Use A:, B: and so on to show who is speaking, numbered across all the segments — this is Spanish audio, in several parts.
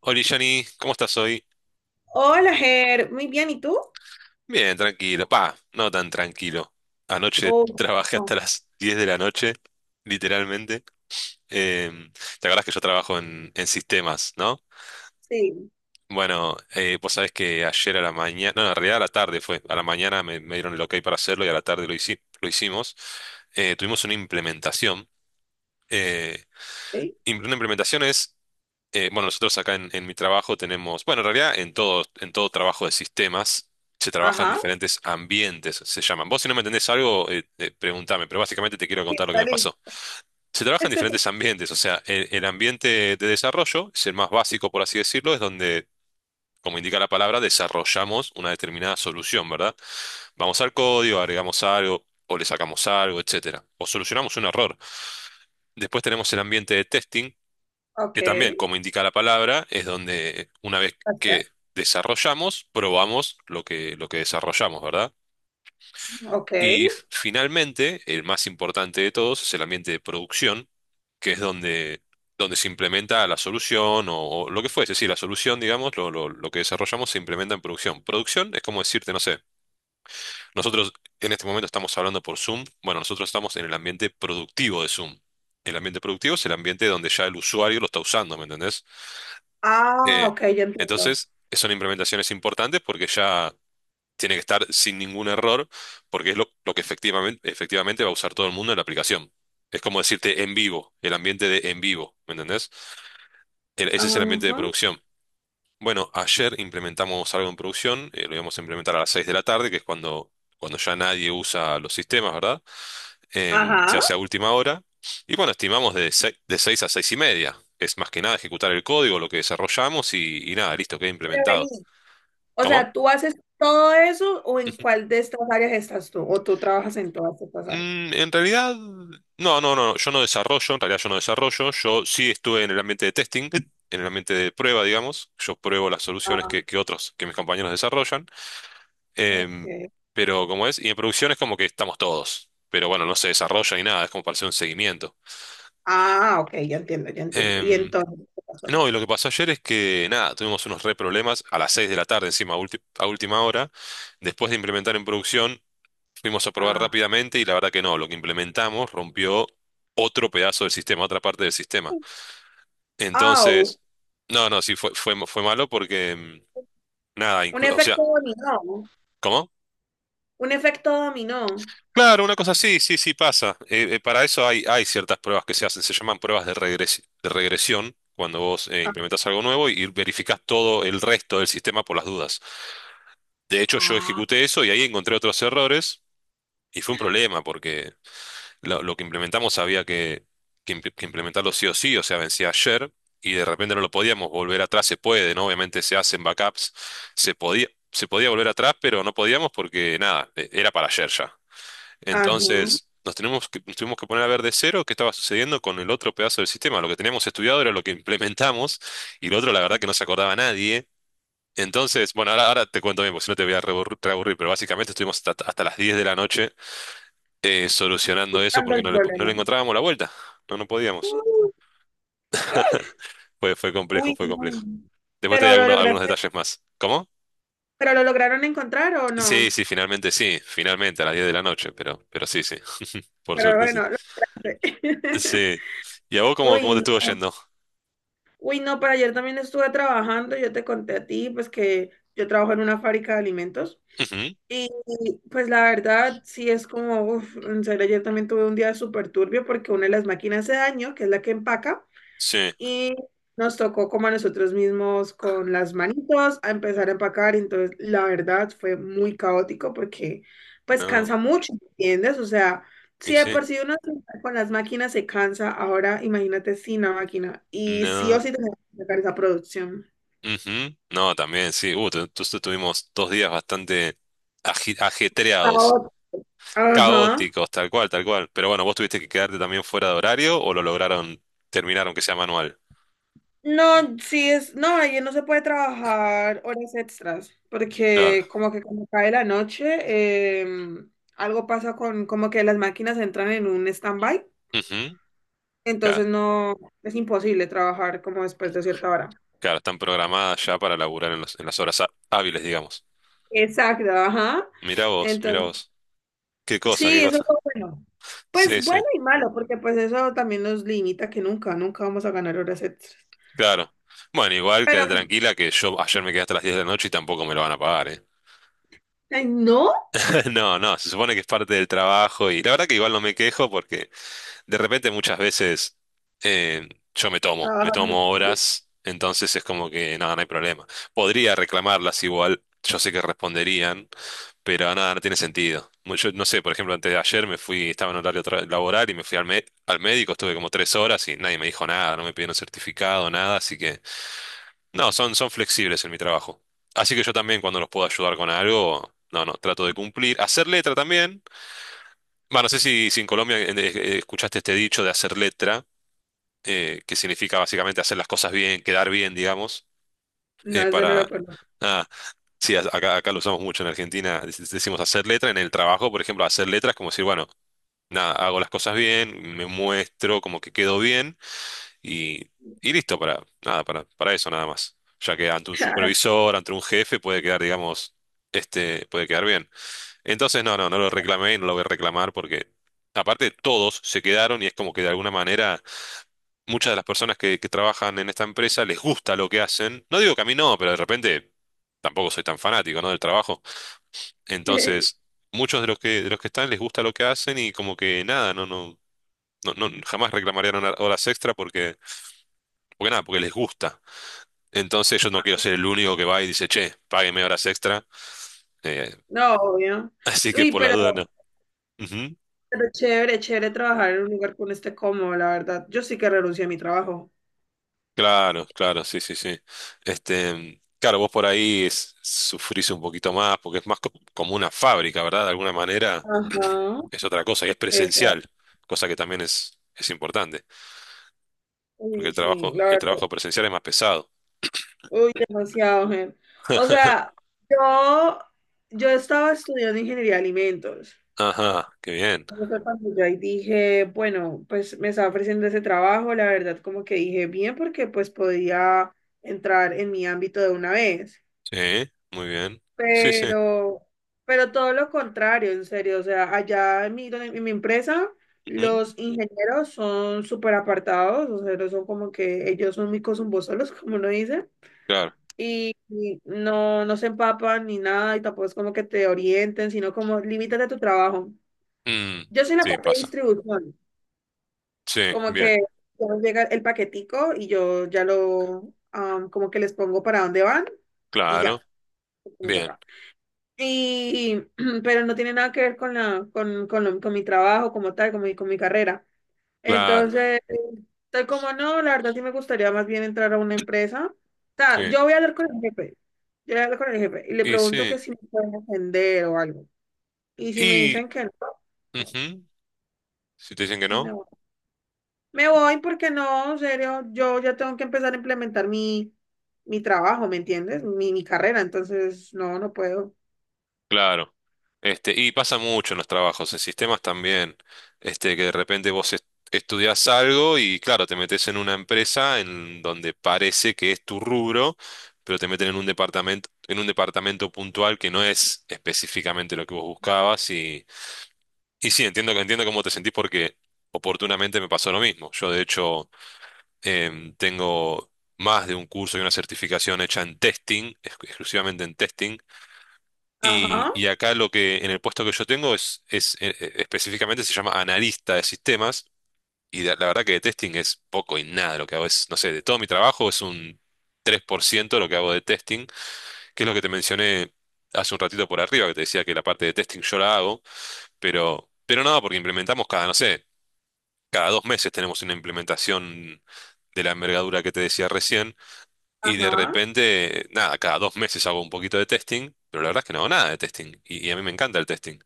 A: Hola Johnny, ¿cómo estás hoy?
B: Hola, Ger. Muy bien, ¿y tú?
A: Bien, tranquilo. Pa, no tan tranquilo. Anoche
B: Oh,
A: trabajé hasta
B: oh,
A: las 10 de la noche, literalmente. Em, ¿Te acordás que yo trabajo en sistemas, no?
B: sí,
A: Bueno, vos sabés que ayer a la mañana, no, en realidad a la tarde fue. A la mañana me dieron el ok para hacerlo y a la tarde lo hicimos. Tuvimos una implementación. Eh,
B: sí.
A: una implementación es bueno, nosotros acá en mi trabajo tenemos, bueno, en realidad en en todo trabajo de sistemas se trabaja en
B: Ajá.
A: diferentes ambientes, se llaman. Vos si no me entendés algo, preguntame, pero básicamente te quiero
B: Sí,
A: contar lo que
B: está
A: me pasó.
B: listo.
A: Se trabaja en diferentes ambientes, o sea, el ambiente de desarrollo es el más básico, por así decirlo, es donde, como indica la palabra, desarrollamos una determinada solución, ¿verdad? Vamos al código, agregamos algo, o le sacamos algo, etcétera, o solucionamos un error. Después tenemos el ambiente de testing
B: Ok.
A: que también, como indica la palabra, es donde una vez
B: Pastel.
A: que desarrollamos, probamos lo que desarrollamos, ¿verdad?
B: Ok.
A: Y finalmente, el más importante de todos es el ambiente de producción, que es donde se implementa la solución o lo que fuese, sí, la solución, digamos, lo que desarrollamos se implementa en producción. Producción es como decirte, no sé, nosotros en este momento estamos hablando por Zoom, bueno, nosotros estamos en el ambiente productivo de Zoom. El ambiente productivo es el ambiente donde ya el usuario lo está usando, ¿me entendés?
B: Ah,
A: Eh,
B: ok, ya entiendo.
A: entonces, son implementaciones importantes porque ya tiene que estar sin ningún error, porque es lo que efectivamente va a usar todo el mundo en la aplicación. Es como decirte en vivo, el ambiente de en vivo, ¿me entendés? Ese es el ambiente de
B: Ajá.
A: producción. Bueno, ayer implementamos algo en producción, lo íbamos a implementar a las 6 de la tarde, que es cuando ya nadie usa los sistemas, ¿verdad? Se hace
B: Ajá.
A: a última hora. Y bueno, estimamos de de 6 a 6 y media. Es más que nada ejecutar el código, lo que desarrollamos y nada, listo, queda
B: Pero
A: implementado.
B: vení. O
A: ¿Cómo?
B: sea, ¿tú haces todo eso o en
A: Ujú.
B: cuál de estas áreas estás tú? ¿O tú trabajas en todas estas áreas?
A: En realidad, no, yo no desarrollo, en realidad yo no desarrollo, yo sí estuve en el ambiente de testing, en el ambiente de prueba, digamos, yo pruebo las soluciones
B: Ah,
A: que otros, que mis compañeros desarrollan. Em,
B: ok.
A: pero como es, y en producción es como que estamos todos, pero bueno, no se desarrolla ni nada, es como para hacer un seguimiento.
B: Ah, ok, ya entiendo, ya entiendo. Y
A: Em,
B: entonces, ¿qué pasó?
A: no, y lo que pasó ayer es que nada, tuvimos unos re problemas a las 6 de la tarde, encima, a última hora. Después de implementar en producción, fuimos a probar
B: Ah.
A: rápidamente y la verdad que no, lo que implementamos rompió otro pedazo del sistema, otra parte del sistema.
B: Au.
A: Entonces, no, no, sí, fue malo porque nada,
B: Un
A: o sea,
B: efecto dominó.
A: ¿cómo?
B: Un efecto dominó.
A: Claro, una cosa así, sí, sí pasa. Para eso hay ciertas pruebas que se hacen, se llaman pruebas de de regresión, cuando vos implementás algo nuevo y verificás todo el resto del sistema por las dudas. De hecho, yo
B: Ah.
A: ejecuté eso y ahí encontré otros errores y fue un problema porque lo que implementamos había que implementarlo sí o sí, o sea, vencía ayer y de repente no lo podíamos volver atrás, se puede, ¿no? Obviamente se hacen backups, se podía volver atrás, pero no podíamos porque nada, era para ayer ya.
B: Ajá.
A: Entonces, nos tuvimos que poner a ver de cero qué estaba sucediendo con el otro pedazo del sistema. Lo que teníamos estudiado era lo que implementamos y lo otro, la verdad, que no se acordaba nadie. Entonces, bueno, ahora te cuento bien, porque si no te voy a reaburrir, pero básicamente estuvimos hasta las 10 de la noche solucionando eso
B: Buscando
A: porque
B: el
A: no no
B: problema.
A: le encontrábamos la vuelta. No, no podíamos.
B: Uh,
A: Fue complejo,
B: uy,
A: fue
B: no.
A: complejo. Después te doy
B: Pero lo
A: algunos
B: lograste,
A: detalles más. ¿Cómo?
B: ¿pero lo lograron encontrar o no?
A: Sí, sí, finalmente a las 10 de la noche, pero sí, sí, por
B: Pero
A: suerte sí.
B: bueno, lo lograste.
A: Sí. ¿Y a vos cómo
B: Uy,
A: te estuvo
B: no.
A: yendo?
B: Uy, no, pero ayer también estuve trabajando, yo te conté a ti, pues que yo trabajo en una fábrica de alimentos. Y pues la verdad, sí es como, uf, en serio, ayer también tuve un día súper turbio porque una de las máquinas se dañó, que es la que empaca.
A: Sí,
B: Y nos tocó como a nosotros mismos con las manitos a empezar a empacar. Entonces, la verdad fue muy caótico porque pues
A: no,
B: cansa mucho, ¿entiendes? O sea,
A: y
B: si de
A: sí,
B: por sí uno con las máquinas se cansa, ahora imagínate sin la máquina. Y sí o
A: no,
B: sí tenemos que sacar esa producción.
A: ujú. No, también, sí, tuvimos 2 días bastante ajetreados,
B: Caótico. Ajá.
A: caóticos, tal cual, tal cual. Pero bueno, vos tuviste que quedarte también fuera de horario o lo lograron terminar aunque sea manual.
B: No, sí es, no, ayer no se puede trabajar horas extras,
A: Claro,
B: porque como que cuando cae la noche, algo pasa con, como que las máquinas entran en un stand-by,
A: ujú, claro,
B: entonces no, es imposible trabajar como después de cierta hora.
A: claro, están programadas ya para laburar en las horas hábiles, digamos.
B: Exacto, ajá.
A: Mirá vos, mirá
B: Entonces,
A: vos. Qué cosa, qué
B: sí, eso es
A: cosa.
B: lo bueno.
A: Sí,
B: Pues
A: sí,
B: bueno y malo, porque pues eso también nos limita que nunca, nunca vamos a ganar horas extras.
A: claro. Bueno, igual
B: Pero,
A: quédate tranquila que yo ayer me quedé hasta las 10 de la noche y tampoco me lo van a pagar, ¿eh?
B: ay, no,
A: No, no, se supone que es parte del trabajo y la verdad que igual no me quejo porque de repente muchas veces eh, yo me
B: trabajar mucho
A: tomo
B: tiempo.
A: horas, entonces es como que nada, no hay problema. Podría reclamarlas igual, yo sé que responderían, pero nada, no tiene sentido. Yo no sé, por ejemplo, antes de ayer me fui, estaba en horario laboral y me fui al médico, estuve como 3 horas y nadie me dijo nada, no me pidieron certificado, nada, así que no, son flexibles en mi trabajo. Así que yo también cuando los puedo ayudar con algo, no, no, trato de cumplir. Hacer letra también. Bueno, no sé si en Colombia escuchaste este dicho de hacer letra, que significa básicamente hacer las cosas bien, quedar bien, digamos,
B: No, eso no lo
A: para...
B: conozco.
A: Ah, sí, acá, acá lo usamos mucho en Argentina, decimos hacer letra. En el trabajo, por ejemplo, hacer letra es como decir, bueno, nada, hago las cosas bien, me muestro como que quedo bien. Y, y listo, nada, para eso nada más. Ya que ante un supervisor, ante un jefe, puede quedar, digamos, este, puede quedar bien. Entonces, no lo reclamé y no lo voy a reclamar porque, aparte, todos se quedaron y es como que de alguna manera muchas de las personas que trabajan en esta empresa les gusta lo que hacen. No digo que a mí no, pero de repente tampoco soy tan fanático, ¿no? del trabajo. Entonces, muchos de de los que están les gusta lo que hacen y como que nada, no jamás reclamarían horas extra porque, porque nada, porque les gusta. Entonces yo no quiero ser el único que va y dice, che, págueme horas extra. Eh,
B: No, obvio.
A: así que
B: Uy,
A: por las dudas no. Ujú.
B: pero chévere, chévere trabajar en un lugar con este cómodo, la verdad. Yo sí que renuncié a mi trabajo.
A: Claro, claro, sí, sí, sí. Este, claro, vos por ahí sufrís un poquito más porque es más como una fábrica, ¿verdad? De alguna manera
B: Ajá.
A: es otra cosa y es
B: Exacto.
A: presencial, cosa que también es importante, porque
B: Uy, sí, la
A: el
B: verdad.
A: trabajo presencial es más pesado.
B: Uy, demasiado, gente. O sea, yo, yo estaba estudiando ingeniería de alimentos.
A: Ajá, qué bien.
B: Entonces cuando yo ahí dije, bueno, pues me estaba ofreciendo ese trabajo, la verdad, como que dije bien, porque pues podía entrar en mi ámbito de una vez.
A: Sí, muy bien. Sí, sí.
B: Pero, pero todo lo contrario, en serio. O sea, allá en mi, en mi empresa,
A: Ujú,
B: los ingenieros son súper apartados, o sea, no son como que ellos son micos zumbosolos, como uno dice,
A: claro.
B: y no, no se empapan ni nada, y tampoco es como que te orienten, sino como limítate a tu trabajo.
A: Mm,
B: Yo soy la
A: sí,
B: parte de
A: pasa.
B: distribución,
A: Sí,
B: como
A: bien.
B: que ya llega el paquetico y yo ya lo, am, como que les pongo para dónde van y
A: Claro.
B: ya, me
A: Bien.
B: toca. Y, pero no tiene nada que ver con la, con, con mi trabajo como tal, con mi carrera.
A: Claro,
B: Entonces, estoy como, no, la verdad sí me gustaría más bien entrar a una empresa. O sea,
A: sí.
B: yo voy a hablar con el jefe. Yo voy a hablar con el jefe y le
A: Y
B: pregunto
A: sí.
B: que si me pueden atender o algo. Y si me
A: Y
B: dicen que no, no,
A: ujú, si te dicen que
B: me
A: no,
B: me voy porque no, en serio, yo ya tengo que empezar a implementar mi, mi trabajo, ¿me entiendes? Mi carrera, entonces no, no puedo.
A: claro. Este, y pasa mucho en los trabajos, en sistemas también. Este, que de repente estudiás algo y claro, te metes en una empresa en donde parece que es tu rubro, pero te meten en un departamento puntual que no es específicamente lo que vos buscabas. Y sí, entiendo, entiendo cómo te sentís porque oportunamente me pasó lo mismo. Yo, de hecho. Tengo más de un curso y una certificación hecha en testing, exclusivamente en testing.
B: Ajá,
A: Y acá lo que en el puesto que yo tengo es específicamente se llama analista de sistemas. Y la verdad que de testing es poco y nada. Lo que hago es, no sé, de todo mi trabajo es un 3% lo que hago de testing, que es lo que te mencioné hace un ratito por arriba, que te decía que la parte de testing yo la hago, pero no, porque implementamos cada, no sé, cada 2 meses tenemos una implementación de la envergadura que te decía recién. Y de
B: ajá.
A: repente, nada, cada 2 meses hago un poquito de testing, pero la verdad es que no hago nada de testing. Y a mí me encanta el testing.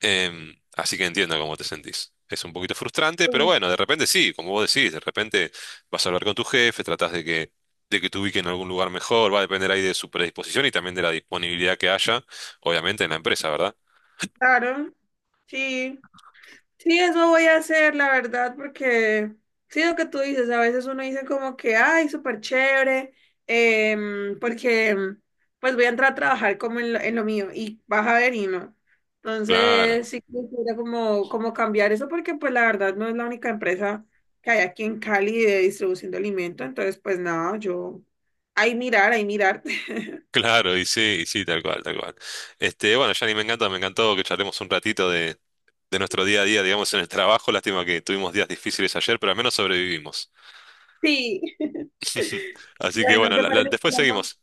A: Así que entiendo cómo te sentís. Es un poquito frustrante, pero bueno, de repente sí, como vos decís, de repente vas a hablar con tu jefe, de que te ubique en algún lugar mejor, va a depender ahí de su predisposición y también de la disponibilidad que haya, obviamente, en la empresa, ¿verdad?
B: Claro, sí, sí, eso voy a hacer, la verdad, porque sí, lo que tú dices, a veces uno dice como que, ay, súper chévere, porque pues voy a entrar a trabajar como en lo mío y vas a ver y no.
A: Claro,
B: Entonces, sí, quisiera como, como cambiar eso porque pues la verdad no es la única empresa que hay aquí en Cali de distribución de alimentos, entonces pues nada, yo, ahí mirar, ahí mirar.
A: claro, y sí, tal cual, tal cual. Este, bueno, Yanni, me encanta, me encantó que charlemos un ratito de nuestro día a día, digamos, en el trabajo. Lástima que tuvimos días difíciles ayer, pero al menos sobrevivimos.
B: Sí.
A: Así que
B: Bueno,
A: bueno,
B: ¿te parece
A: después
B: que hablamos?
A: seguimos.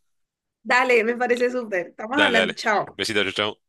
B: Dale, me parece súper. Estamos
A: Dale,
B: hablando,
A: dale.
B: chao.
A: Besitos, chau, chau.